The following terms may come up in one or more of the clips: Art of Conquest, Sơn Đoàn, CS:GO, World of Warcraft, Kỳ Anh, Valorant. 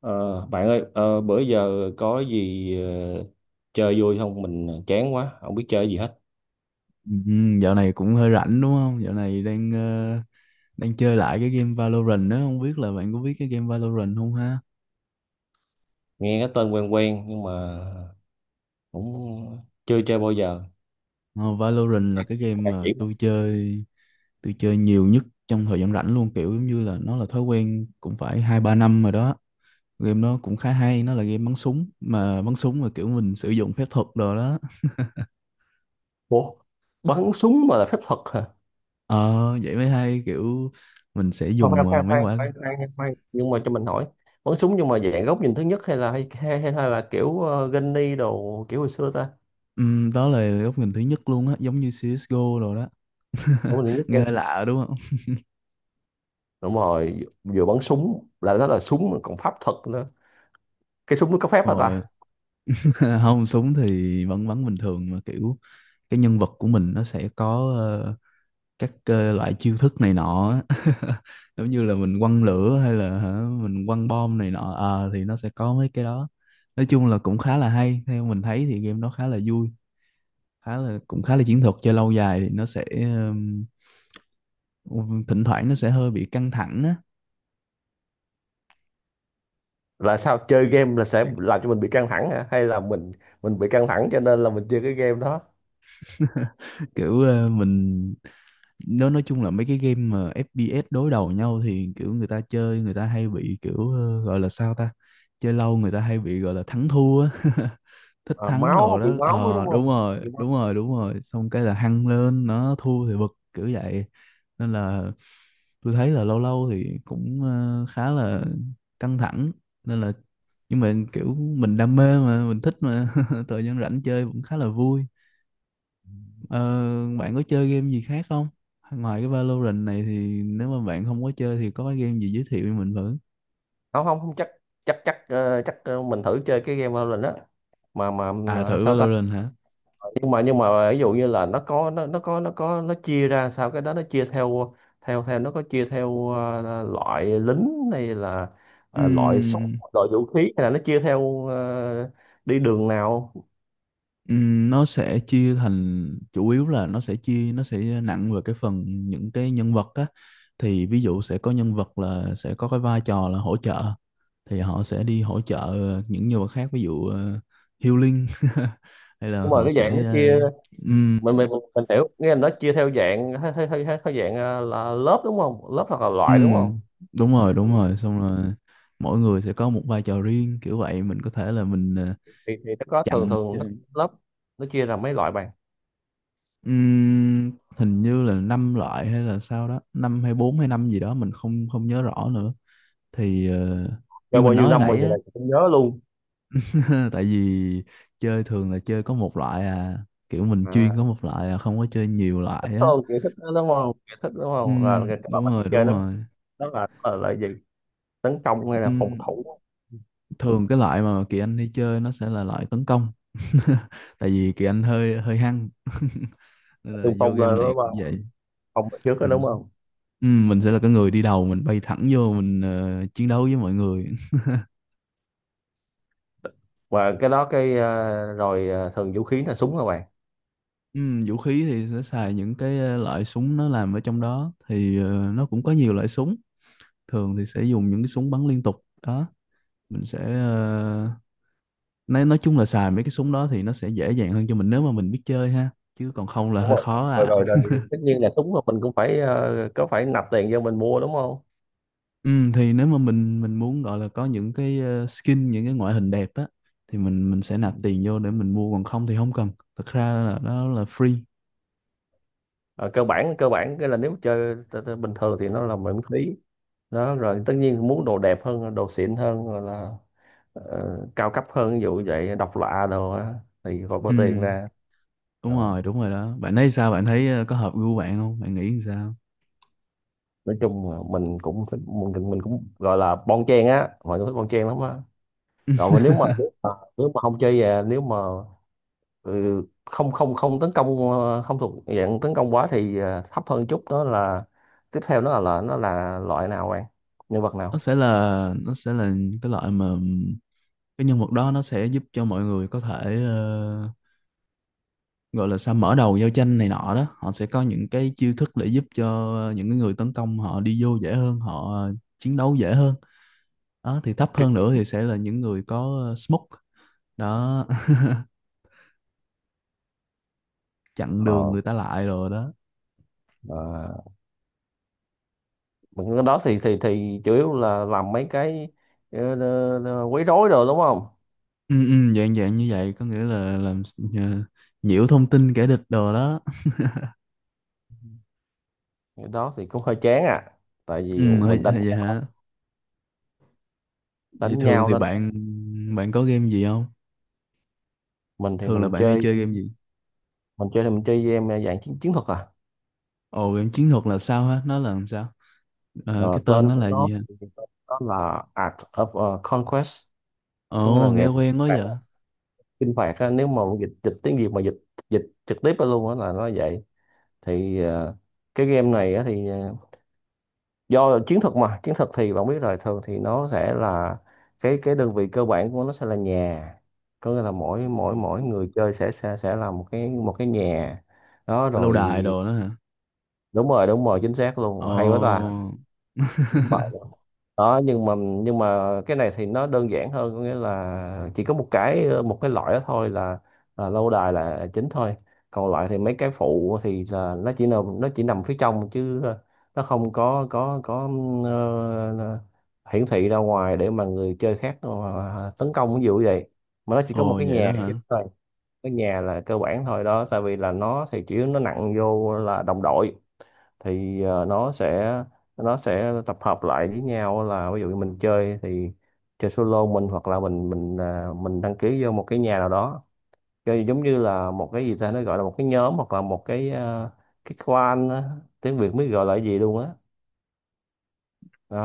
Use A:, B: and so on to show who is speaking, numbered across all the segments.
A: Ờ, bạn ơi, bữa giờ có gì chơi vui không? Mình chán quá, không biết chơi gì hết.
B: Ừ, dạo này cũng hơi rảnh đúng không? Dạo này đang đang chơi lại cái game Valorant đó, không biết là bạn có biết cái game Valorant không ha?
A: Nghe cái tên quen quen nhưng mà cũng chưa chơi bao giờ.
B: Ờ, Valorant là cái game
A: Bạn
B: mà
A: chỉ mình.
B: tôi chơi nhiều nhất trong thời gian rảnh luôn, kiểu giống như là nó là thói quen cũng phải hai ba năm rồi đó. Game nó cũng khá hay, nó là game bắn súng mà kiểu mình sử dụng phép thuật đồ đó.
A: Ủa, bắn súng mà là phép thuật hả?
B: Ờ vậy mới hay, kiểu mình sẽ
A: Khoan khoan
B: dùng
A: khoan
B: mấy
A: khoan
B: quả.
A: khoan khoan nha, khoan. Nhưng mà cho mình hỏi, bắn súng nhưng mà dạng góc nhìn thứ nhất hay là kiểu Gunny đồ kiểu hồi xưa ta?
B: Đó là góc nhìn thứ nhất luôn á, giống như CS:GO rồi đó.
A: Góc nhìn thứ nhất
B: Nghe hơi
A: luôn.
B: lạ đúng không?
A: Đúng rồi, vừa bắn súng là nó là súng mà còn pháp thuật nữa. Cái súng nó có phép hả
B: Rồi.
A: ta?
B: Không súng thì vẫn bắn bình thường, mà kiểu cái nhân vật của mình nó sẽ có các loại chiêu thức này nọ á. Giống như là mình quăng lửa hay là hả, mình quăng bom này nọ. Ờ, thì nó sẽ có mấy cái đó, nói chung là cũng khá là hay. Theo mình thấy thì game nó khá là vui, khá là cũng khá là chiến thuật. Chơi lâu dài thì nó sẽ thỉnh thoảng nó sẽ hơi bị căng thẳng á.
A: Là sao, chơi game là sẽ làm cho mình bị căng thẳng hả hay là mình bị căng thẳng cho nên là mình chơi cái game đó?
B: Kiểu mình, nó nói chung là mấy cái game mà FPS đối đầu nhau thì kiểu người ta chơi người ta hay bị kiểu gọi là sao ta, chơi lâu người ta hay bị gọi là thắng thua á. Thích
A: À,
B: thắng
A: máu,
B: đồ
A: bị
B: đó.
A: máu ấy
B: Ờ
A: đúng
B: đúng
A: không?
B: rồi,
A: Bị máu.
B: đúng rồi, đúng rồi, xong cái là hăng lên, nó thua thì bực kiểu vậy. Nên là tôi thấy là lâu lâu thì cũng khá là căng thẳng. Nên là nhưng mà kiểu mình đam mê mà, mình thích mà. Thời gian rảnh chơi cũng khá là vui. Ờ, bạn có chơi game gì khác không? Ngoài cái Valorant này thì nếu mà bạn không có chơi thì có cái game gì giới thiệu cho mình thử?
A: Không không không chắc, chắc chắc mình thử chơi cái game Valorant đó mà,
B: À thử
A: sao ta.
B: Valorant hả?
A: Nhưng mà, nhưng mà ví dụ như là nó chia ra sao, cái đó nó chia theo, theo nó có chia theo loại lính hay là loại súng,
B: Ừm,
A: loại vũ khí, hay là nó chia theo đi đường nào?
B: nó sẽ chia thành chủ yếu là nó sẽ chia, nó sẽ nặng về cái phần những cái nhân vật á. Thì ví dụ sẽ có nhân vật là sẽ có cái vai trò là hỗ trợ, thì họ sẽ đi hỗ trợ những nhân vật khác, ví dụ healing. Hay là
A: Nhưng mà
B: họ
A: cái dạng nó
B: sẽ
A: chia,
B: uh,
A: mình hiểu nghĩa là nó chia theo dạng theo dạng là lớp đúng không, lớp hoặc là
B: ừ,
A: loại đúng không?
B: đúng rồi,
A: Ừ.
B: đúng rồi. Xong rồi mỗi người sẽ có một vai trò riêng kiểu vậy. Mình có thể là mình
A: Thì nó có, thường
B: chặn cho-
A: thường nó lớp, nó chia ra mấy loại bạn?
B: Ừm, hình như là năm loại hay là sao đó, năm hay bốn hay năm gì đó mình không không nhớ rõ nữa. Thì như
A: Rồi bao
B: mình
A: nhiêu
B: nói hồi
A: năm mình
B: nãy
A: giờ
B: á,
A: này cũng nhớ luôn.
B: tại vì chơi thường là chơi có một loại à, kiểu mình chuyên có
A: À.
B: một loại à, không có chơi nhiều
A: Thích
B: loại á.
A: hơn kiểu thích đó đúng không, kiểu thích đúng
B: Ừ,
A: không là cái các
B: đúng
A: bạn
B: rồi,
A: hay chơi
B: đúng
A: nó
B: rồi.
A: đó là, là gì, tấn công hay là phòng
B: Ừ,
A: thủ,
B: thường cái loại mà Kỳ Anh hay chơi nó sẽ là loại tấn công. Tại vì Kỳ Anh hơi hơi hăng. Nên là
A: xung
B: vô
A: phong
B: game
A: lên
B: này
A: đúng
B: cũng
A: không,
B: vậy.
A: phòng ở trước đó
B: Mình,
A: đúng không?
B: ừ, mình sẽ là cái người đi đầu, mình bay thẳng vô mình chiến đấu với mọi người.
A: Và cái đó cái rồi thường vũ khí là súng hả bạn?
B: Ừ, vũ khí thì sẽ xài những cái loại súng nó làm ở trong đó, thì nó cũng có nhiều loại súng. Thường thì sẽ dùng những cái súng bắn liên tục đó, mình sẽ nói chung là xài mấy cái súng đó thì nó sẽ dễ dàng hơn cho mình nếu mà mình biết chơi ha, chứ còn không là
A: Đúng
B: hơi
A: rồi.
B: khó
A: rồi
B: à.
A: rồi, rồi. Tất nhiên là súng là mình cũng phải có phải nạp tiền cho mình mua đúng không?
B: Ừ, thì nếu mà mình muốn gọi là có những cái skin, những cái ngoại hình đẹp á, thì mình sẽ nạp tiền vô để mình mua, còn không thì không cần, thật ra là đó là free.
A: Ờ, cơ bản, cơ bản cái là nếu chơi bình thường thì nó là miễn phí đó, rồi tất nhiên muốn đồ đẹp hơn, đồ xịn hơn, rồi là ờ, cao cấp hơn, ví dụ như vậy, độc lạ đồ á, thì còn bỏ
B: Ừ,
A: tiền ra.
B: đúng
A: Ờ,
B: rồi, đúng rồi đó. Bạn thấy sao, bạn thấy có hợp gu bạn không, bạn nghĩ sao?
A: nói chung là mình cũng thích, mình cũng gọi là bon chen á, mọi người thích bon chen lắm á. Rồi mà, nếu mà, nếu mà không chơi về, nếu mà, ừ, không không không tấn công, không thuộc dạng tấn công quá thì thấp hơn chút đó là tiếp theo, nó là nó là loại nào bạn, nhân vật
B: nó
A: nào?
B: sẽ là nó sẽ là cái loại mà cái nhân vật đó nó sẽ giúp cho mọi người có thể gọi là sao, mở đầu giao tranh này nọ đó, họ sẽ có những cái chiêu thức để giúp cho những cái người tấn công họ đi vô dễ hơn, họ chiến đấu dễ hơn đó. Thì thấp hơn nữa thì sẽ là những người có smoke đó, chặn đường
A: Kỵ.
B: người ta lại rồi đó.
A: À, mình cái đó thì chủ yếu là làm mấy cái quấy rối rồi đúng không?
B: Ừ, dạng dạng như vậy, có nghĩa là làm ờ, nhiễu thông tin kẻ địch đồ đó.
A: Cái đó thì cũng hơi chán à. Tại vì
B: Ừ, hơi-
A: mình đánh,
B: hơi vậy hả, vậy
A: đánh
B: thường
A: nhau,
B: thì
A: đánh.
B: bạn bạn có game gì không,
A: Mình thì
B: thường là
A: mình
B: bạn hay
A: chơi,
B: chơi game gì?
A: mình chơi thì mình chơi game dạng chiến chiến thuật à.
B: Ồ game chiến thuật là sao hả, nó là làm sao?
A: Ờ,
B: Ờ, cái tên
A: tên
B: nó
A: của
B: là
A: nó
B: gì hả?
A: thì đó là Art of Conquest, có nghĩa là
B: Ồ nghe
A: nghệ thuật
B: quen quá vậy.
A: chinh phạt á. Nếu mà dịch, dịch tiếng Việt mà dịch, dịch trực tiếp ra luôn á là nó vậy. Thì ờ, cái game này á thì do chiến thuật mà chiến thuật thì bạn biết rồi, thường thì nó sẽ là cái đơn vị cơ bản của nó sẽ là nhà, có nghĩa là mỗi mỗi mỗi người chơi sẽ là một cái, một cái nhà đó
B: Lâu
A: rồi.
B: đài đồ đó hả?
A: Đúng rồi, đúng rồi, chính xác luôn, hay quá ta.
B: Ồ.
A: Đúng bảo đó. Nhưng mà, nhưng mà cái này thì nó đơn giản hơn, có nghĩa là chỉ có một cái, một cái loại đó thôi, là lâu đài là chính thôi, còn lại thì mấy cái phụ thì là nó chỉ nằm phía trong chứ nó không có ờ, hiển thị ra ngoài để mà người chơi khác tấn công, ví dụ vậy, mà nó chỉ có một
B: Ồ
A: cái
B: vậy đó
A: nhà
B: hả?
A: chính thôi. Cái nhà là cơ bản thôi đó, tại vì là nó thì chủ yếu nó nặng vô là đồng đội, thì nó sẽ tập hợp lại với nhau, là ví dụ như mình chơi thì chơi solo mình, hoặc là mình mình đăng ký vô một cái nhà nào đó, chơi giống như là một cái gì ta, nó gọi là một cái nhóm, hoặc là một cái, cái clan á. Tiếng Việt mới gọi là cái gì luôn á.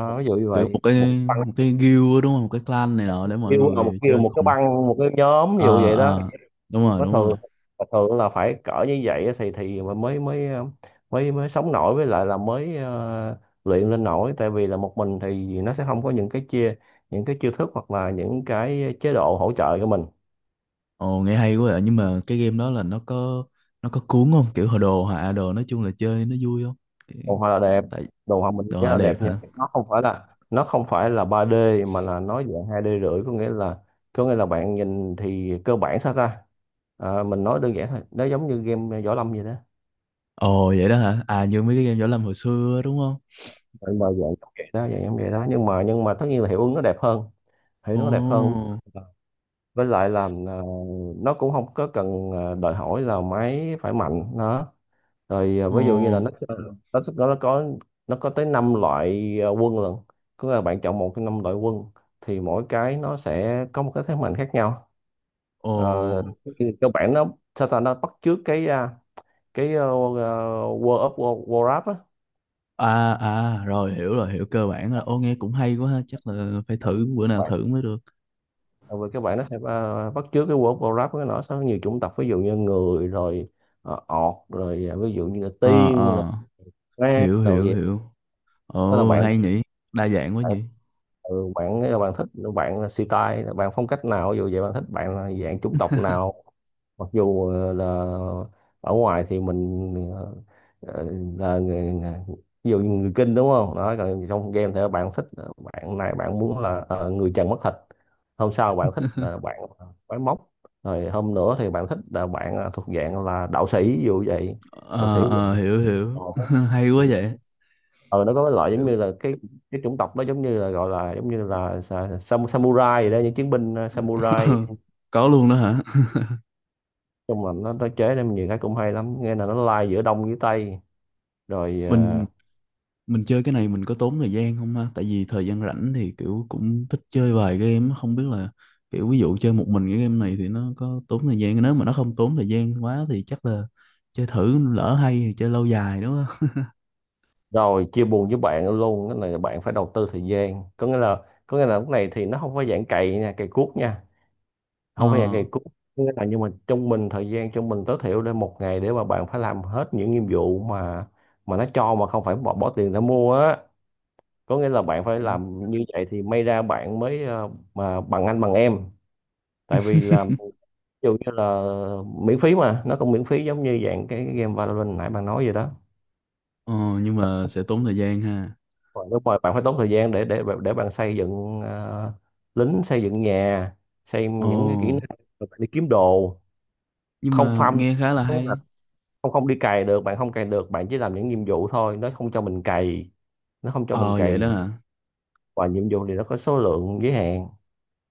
B: một-
A: ví dụ như
B: kiểu một
A: vậy, một
B: cái,
A: băng,
B: một cái guild á, đúng không, một cái clan này nọ để mọi
A: kêu là một,
B: người
A: kêu
B: chơi
A: một cái
B: cùng.
A: băng, một cái nhóm ví dụ
B: ờ
A: vậy đó.
B: ờ đúng rồi,
A: Có
B: đúng
A: thường,
B: rồi.
A: và thường là phải cỡ như vậy á, thì mà mới mới mới mới sống nổi, với lại là mới luyện lên nổi, tại vì là một mình thì nó sẽ không có những cái chia, những cái chiêu thức, hoặc là những cái chế độ hỗ trợ cho mình.
B: Ồ nghe hay quá vậy, nhưng mà cái game đó là nó có cuốn không, kiểu hồi đồ họa đồ, nói chung là chơi nó vui không? Kiểu-
A: Đồ họa là đẹp,
B: Tại
A: đồ họa mình
B: đồ
A: rất
B: họa
A: là
B: đẹp
A: đẹp nha.
B: hả?
A: Nó không phải là, nó không phải là ba d, mà là nó dạng hai d rưỡi, có nghĩa là, có nghĩa là bạn nhìn thì cơ bản sao ta. À, mình nói đơn giản thôi, nó giống như game võ lâm vậy đó.
B: Ồ vậy đó hả, à như mấy cái game võ lâm hồi xưa á, đúng không?
A: Mình mà dạng giống vậy đó, dạng giống vậy đó, nhưng mà, nhưng mà tất nhiên là hiệu ứng nó đẹp hơn, thấy
B: ồ
A: nó đẹp hơn. Với lại là nó cũng không có cần đòi hỏi là máy phải mạnh đó, rồi ví dụ như là
B: ồ
A: nó có, nó có tới 5 loại quân lần, cứ là bạn chọn một trong năm loại quân thì mỗi cái nó sẽ có một cái thế mạnh khác nhau.
B: ồ
A: Ờ, thì cơ bản nó sao ta, nó bắt chước cái, cái World of War, Warcraft
B: à à, rồi hiểu, rồi hiểu, cơ bản là. Ô nghe cũng hay quá ha, chắc là phải thử, bữa nào
A: á.
B: thử mới được.
A: Tại vì các bạn nó sẽ bắt chước cái World of Warcraft, nó sẽ có nhiều chủng tộc, ví dụ như người, rồi ọt, rồi ví dụ như là
B: ờ
A: tiên, rồi
B: ờ
A: ma,
B: hiểu
A: rồi
B: hiểu
A: vậy
B: hiểu.
A: đó là
B: Ồ,
A: bạn,
B: hay nhỉ. Đa dạng quá
A: bạn
B: nhỉ.
A: ừ, bạn bạn thích, bạn là style, bạn phong cách nào ví dụ vậy, bạn thích, bạn là dạng chủng tộc nào. Mặc dù là ở ngoài thì mình ờ, là người, ví dụ như người kinh đúng không, đó còn trong game thì bạn thích bạn này bạn muốn là người trần mất thịt, hôm sau bạn thích là bạn quái móc, rồi hôm nữa thì bạn thích là bạn thuộc dạng là đạo sĩ, ví dụ vậy. Đạo sĩ
B: Ờ,
A: vậy.
B: ờ, hiểu,
A: ờ
B: hiểu. Hay quá vậy.
A: ờ, nó có cái loại giống
B: Hiểu.
A: như là cái chủng tộc đó, giống như là gọi là giống như là samurai vậy đó, những chiến binh samurai.
B: Có luôn đó hả?
A: Nhưng mà nó chế nên nhiều cái cũng hay lắm nghe, là nó lai giữa đông với tây, rồi
B: Mình mình chơi cái này mình có tốn thời gian không ha? Tại vì thời gian rảnh thì kiểu cũng thích chơi vài game. Không biết là kiểu ví dụ chơi một mình cái game này thì nó có tốn thời gian. Nếu mà nó không tốn thời gian quá thì chắc là chơi thử, lỡ hay thì chơi lâu dài đúng không?
A: rồi chia buồn với bạn luôn, cái này là bạn phải đầu tư thời gian, có nghĩa là, có nghĩa là lúc này thì nó không phải dạng cày nha, cày cuốc nha, không phải dạng
B: Ờ.
A: cày cuốc. Có nghĩa là, nhưng mà trung bình, thời gian trung bình tối thiểu để một ngày để mà bạn phải làm hết những nhiệm vụ mà nó cho mà không phải bỏ tiền ra mua á, có nghĩa là bạn phải làm như vậy thì may ra bạn mới mà bằng anh bằng em. Tại vì là ví dụ như là miễn phí, mà nó cũng miễn phí giống như dạng cái game Valorant nãy bạn nói vậy đó.
B: Ừ. Ờ, nhưng mà sẽ tốn thời gian ha.
A: Còn nếu mà bạn phải tốn thời gian để bạn xây dựng lính, xây dựng nhà, xây
B: Ồ,
A: những cái kỹ năng, rồi bạn đi kiếm đồ,
B: nhưng
A: không
B: mà
A: farm.
B: nghe khá là
A: Đúng là
B: hay.
A: không không đi cày được, bạn không cày được, bạn chỉ làm những nhiệm vụ thôi, nó không cho mình cày, nó không cho mình
B: Ờ, vậy
A: cày.
B: đó hả?
A: Và nhiệm vụ thì nó có số lượng giới hạn,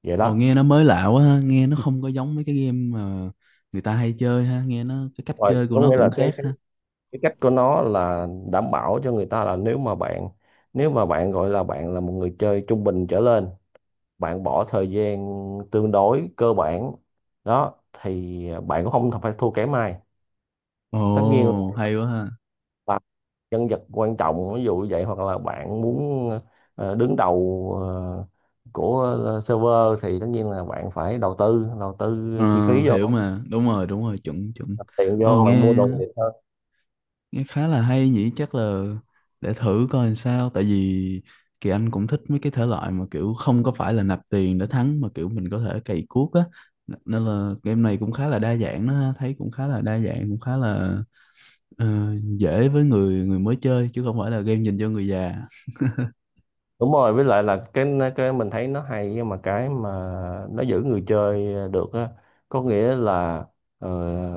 A: vậy
B: Ồ
A: đó.
B: nghe nó mới lạ quá ha, nghe nó không có giống mấy cái game mà người ta hay chơi ha, nghe nó cái cách
A: Rồi
B: chơi của
A: có
B: nó
A: nghĩa
B: cũng
A: là
B: khác ha.
A: cái cách của nó là đảm bảo cho người ta là nếu mà bạn, nếu mà bạn gọi là bạn là một người chơi trung bình trở lên, bạn bỏ thời gian tương đối cơ bản, đó thì bạn cũng không phải thua kém ai. Tất nhiên
B: Ồ hay quá ha.
A: là nhân vật quan trọng ví dụ như vậy, hoặc là bạn muốn đứng đầu của server thì tất nhiên là bạn phải đầu tư, đầu tư
B: Ờ,
A: chi phí
B: hiểu
A: vô,
B: mà, đúng rồi, chuẩn chuẩn.
A: đặt tiền
B: Ồ
A: vô
B: nghe
A: bạn mua đồ thiệt.
B: nghe khá là hay nhỉ, chắc là để thử coi làm sao, tại vì Kỳ Anh cũng thích mấy cái thể loại mà kiểu không có phải là nạp tiền để thắng mà kiểu mình có thể cày cuốc á. Nên là game này cũng khá là đa dạng đó ha, thấy cũng khá là đa dạng, cũng khá là ờ, dễ với người người mới chơi chứ không phải là game dành cho người già.
A: Đúng rồi, với lại là cái mình thấy nó hay, nhưng mà cái mà nó giữ người chơi được á, có nghĩa là ờ,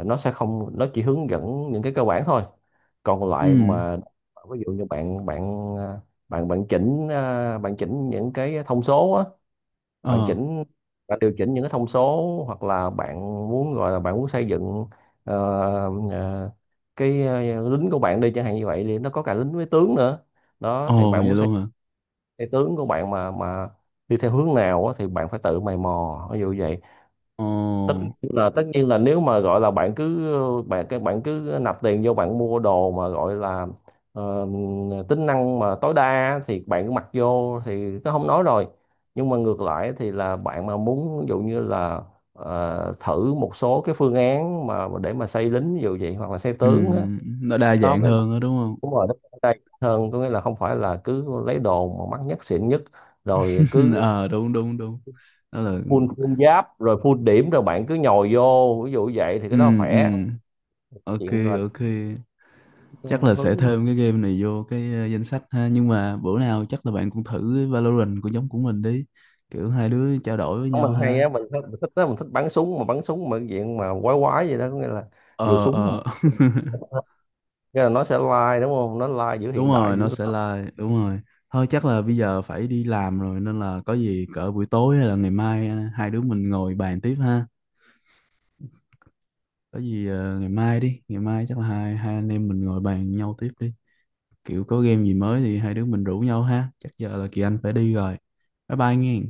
A: nó sẽ không, nó chỉ hướng dẫn những cái cơ bản thôi, còn lại
B: Ừ,
A: mà ví dụ như bạn bạn bạn bạn chỉnh, bạn chỉnh những cái thông số á, bạn
B: ờ,
A: chỉnh, bạn điều chỉnh những cái thông số, hoặc là bạn muốn gọi là bạn muốn xây dựng ờ, ờ, cái lính của bạn đi chẳng hạn như vậy, thì nó có cả lính với tướng nữa, đó thì
B: ồ vậy
A: bạn muốn xây
B: luôn hả?
A: cái tướng của bạn mà đi theo hướng nào á, thì bạn phải tự mày mò ví dụ vậy.
B: Ồ,
A: tất Tất nhiên là nếu mà gọi là các bạn cứ nạp tiền vô bạn mua đồ mà gọi là ờ, tính năng mà tối đa á, thì bạn cứ mặc vô thì nó không nói rồi. Nhưng mà ngược lại thì là bạn mà muốn ví dụ như là thử một số cái phương án mà để mà xây lính ví dụ vậy, hoặc là xây
B: ừ,
A: tướng á,
B: nó đa
A: đó
B: dạng
A: mới.
B: hơn đó đúng không?
A: Đúng rồi, nó đây hơn, có nghĩa là không phải là cứ lấy đồ mà mắc nhất, xịn nhất, rồi cứ
B: ờ đúng, đúng, đúng. Đó là
A: full full giáp, rồi full điểm, rồi bạn cứ nhồi vô ví dụ vậy, thì cái đó
B: ừ ừ,
A: khỏe.
B: ok
A: Chuyện là
B: ok.
A: cái
B: Chắc là sẽ
A: hướng
B: thêm cái game này vô cái danh sách ha, nhưng mà bữa nào chắc là bạn cũng thử cái Valorant của nhóm của mình đi. Kiểu hai đứa trao đổi với
A: của
B: nhau
A: mình hay
B: ha.
A: á, mình thích, đó, mình thích bắn súng mà, bắn súng mà cái chuyện mà quái quái vậy đó, có nghĩa là vừa
B: Ờ
A: súng,
B: ờ.
A: nghĩa là nó sẽ lai đúng không, nó lai giữa
B: Đúng
A: hiện đại
B: rồi,
A: với
B: nó sẽ
A: nó.
B: live, đúng rồi. Thôi chắc là bây giờ phải đi làm rồi, nên là có gì cỡ buổi tối hay là ngày mai hai đứa mình ngồi bàn tiếp ha. Có gì ngày mai đi, ngày mai chắc là hai hai anh em mình ngồi bàn nhau tiếp đi, kiểu có game gì mới thì hai đứa mình rủ nhau ha. Chắc giờ là Kỳ Anh phải đi rồi, bye bye nghe.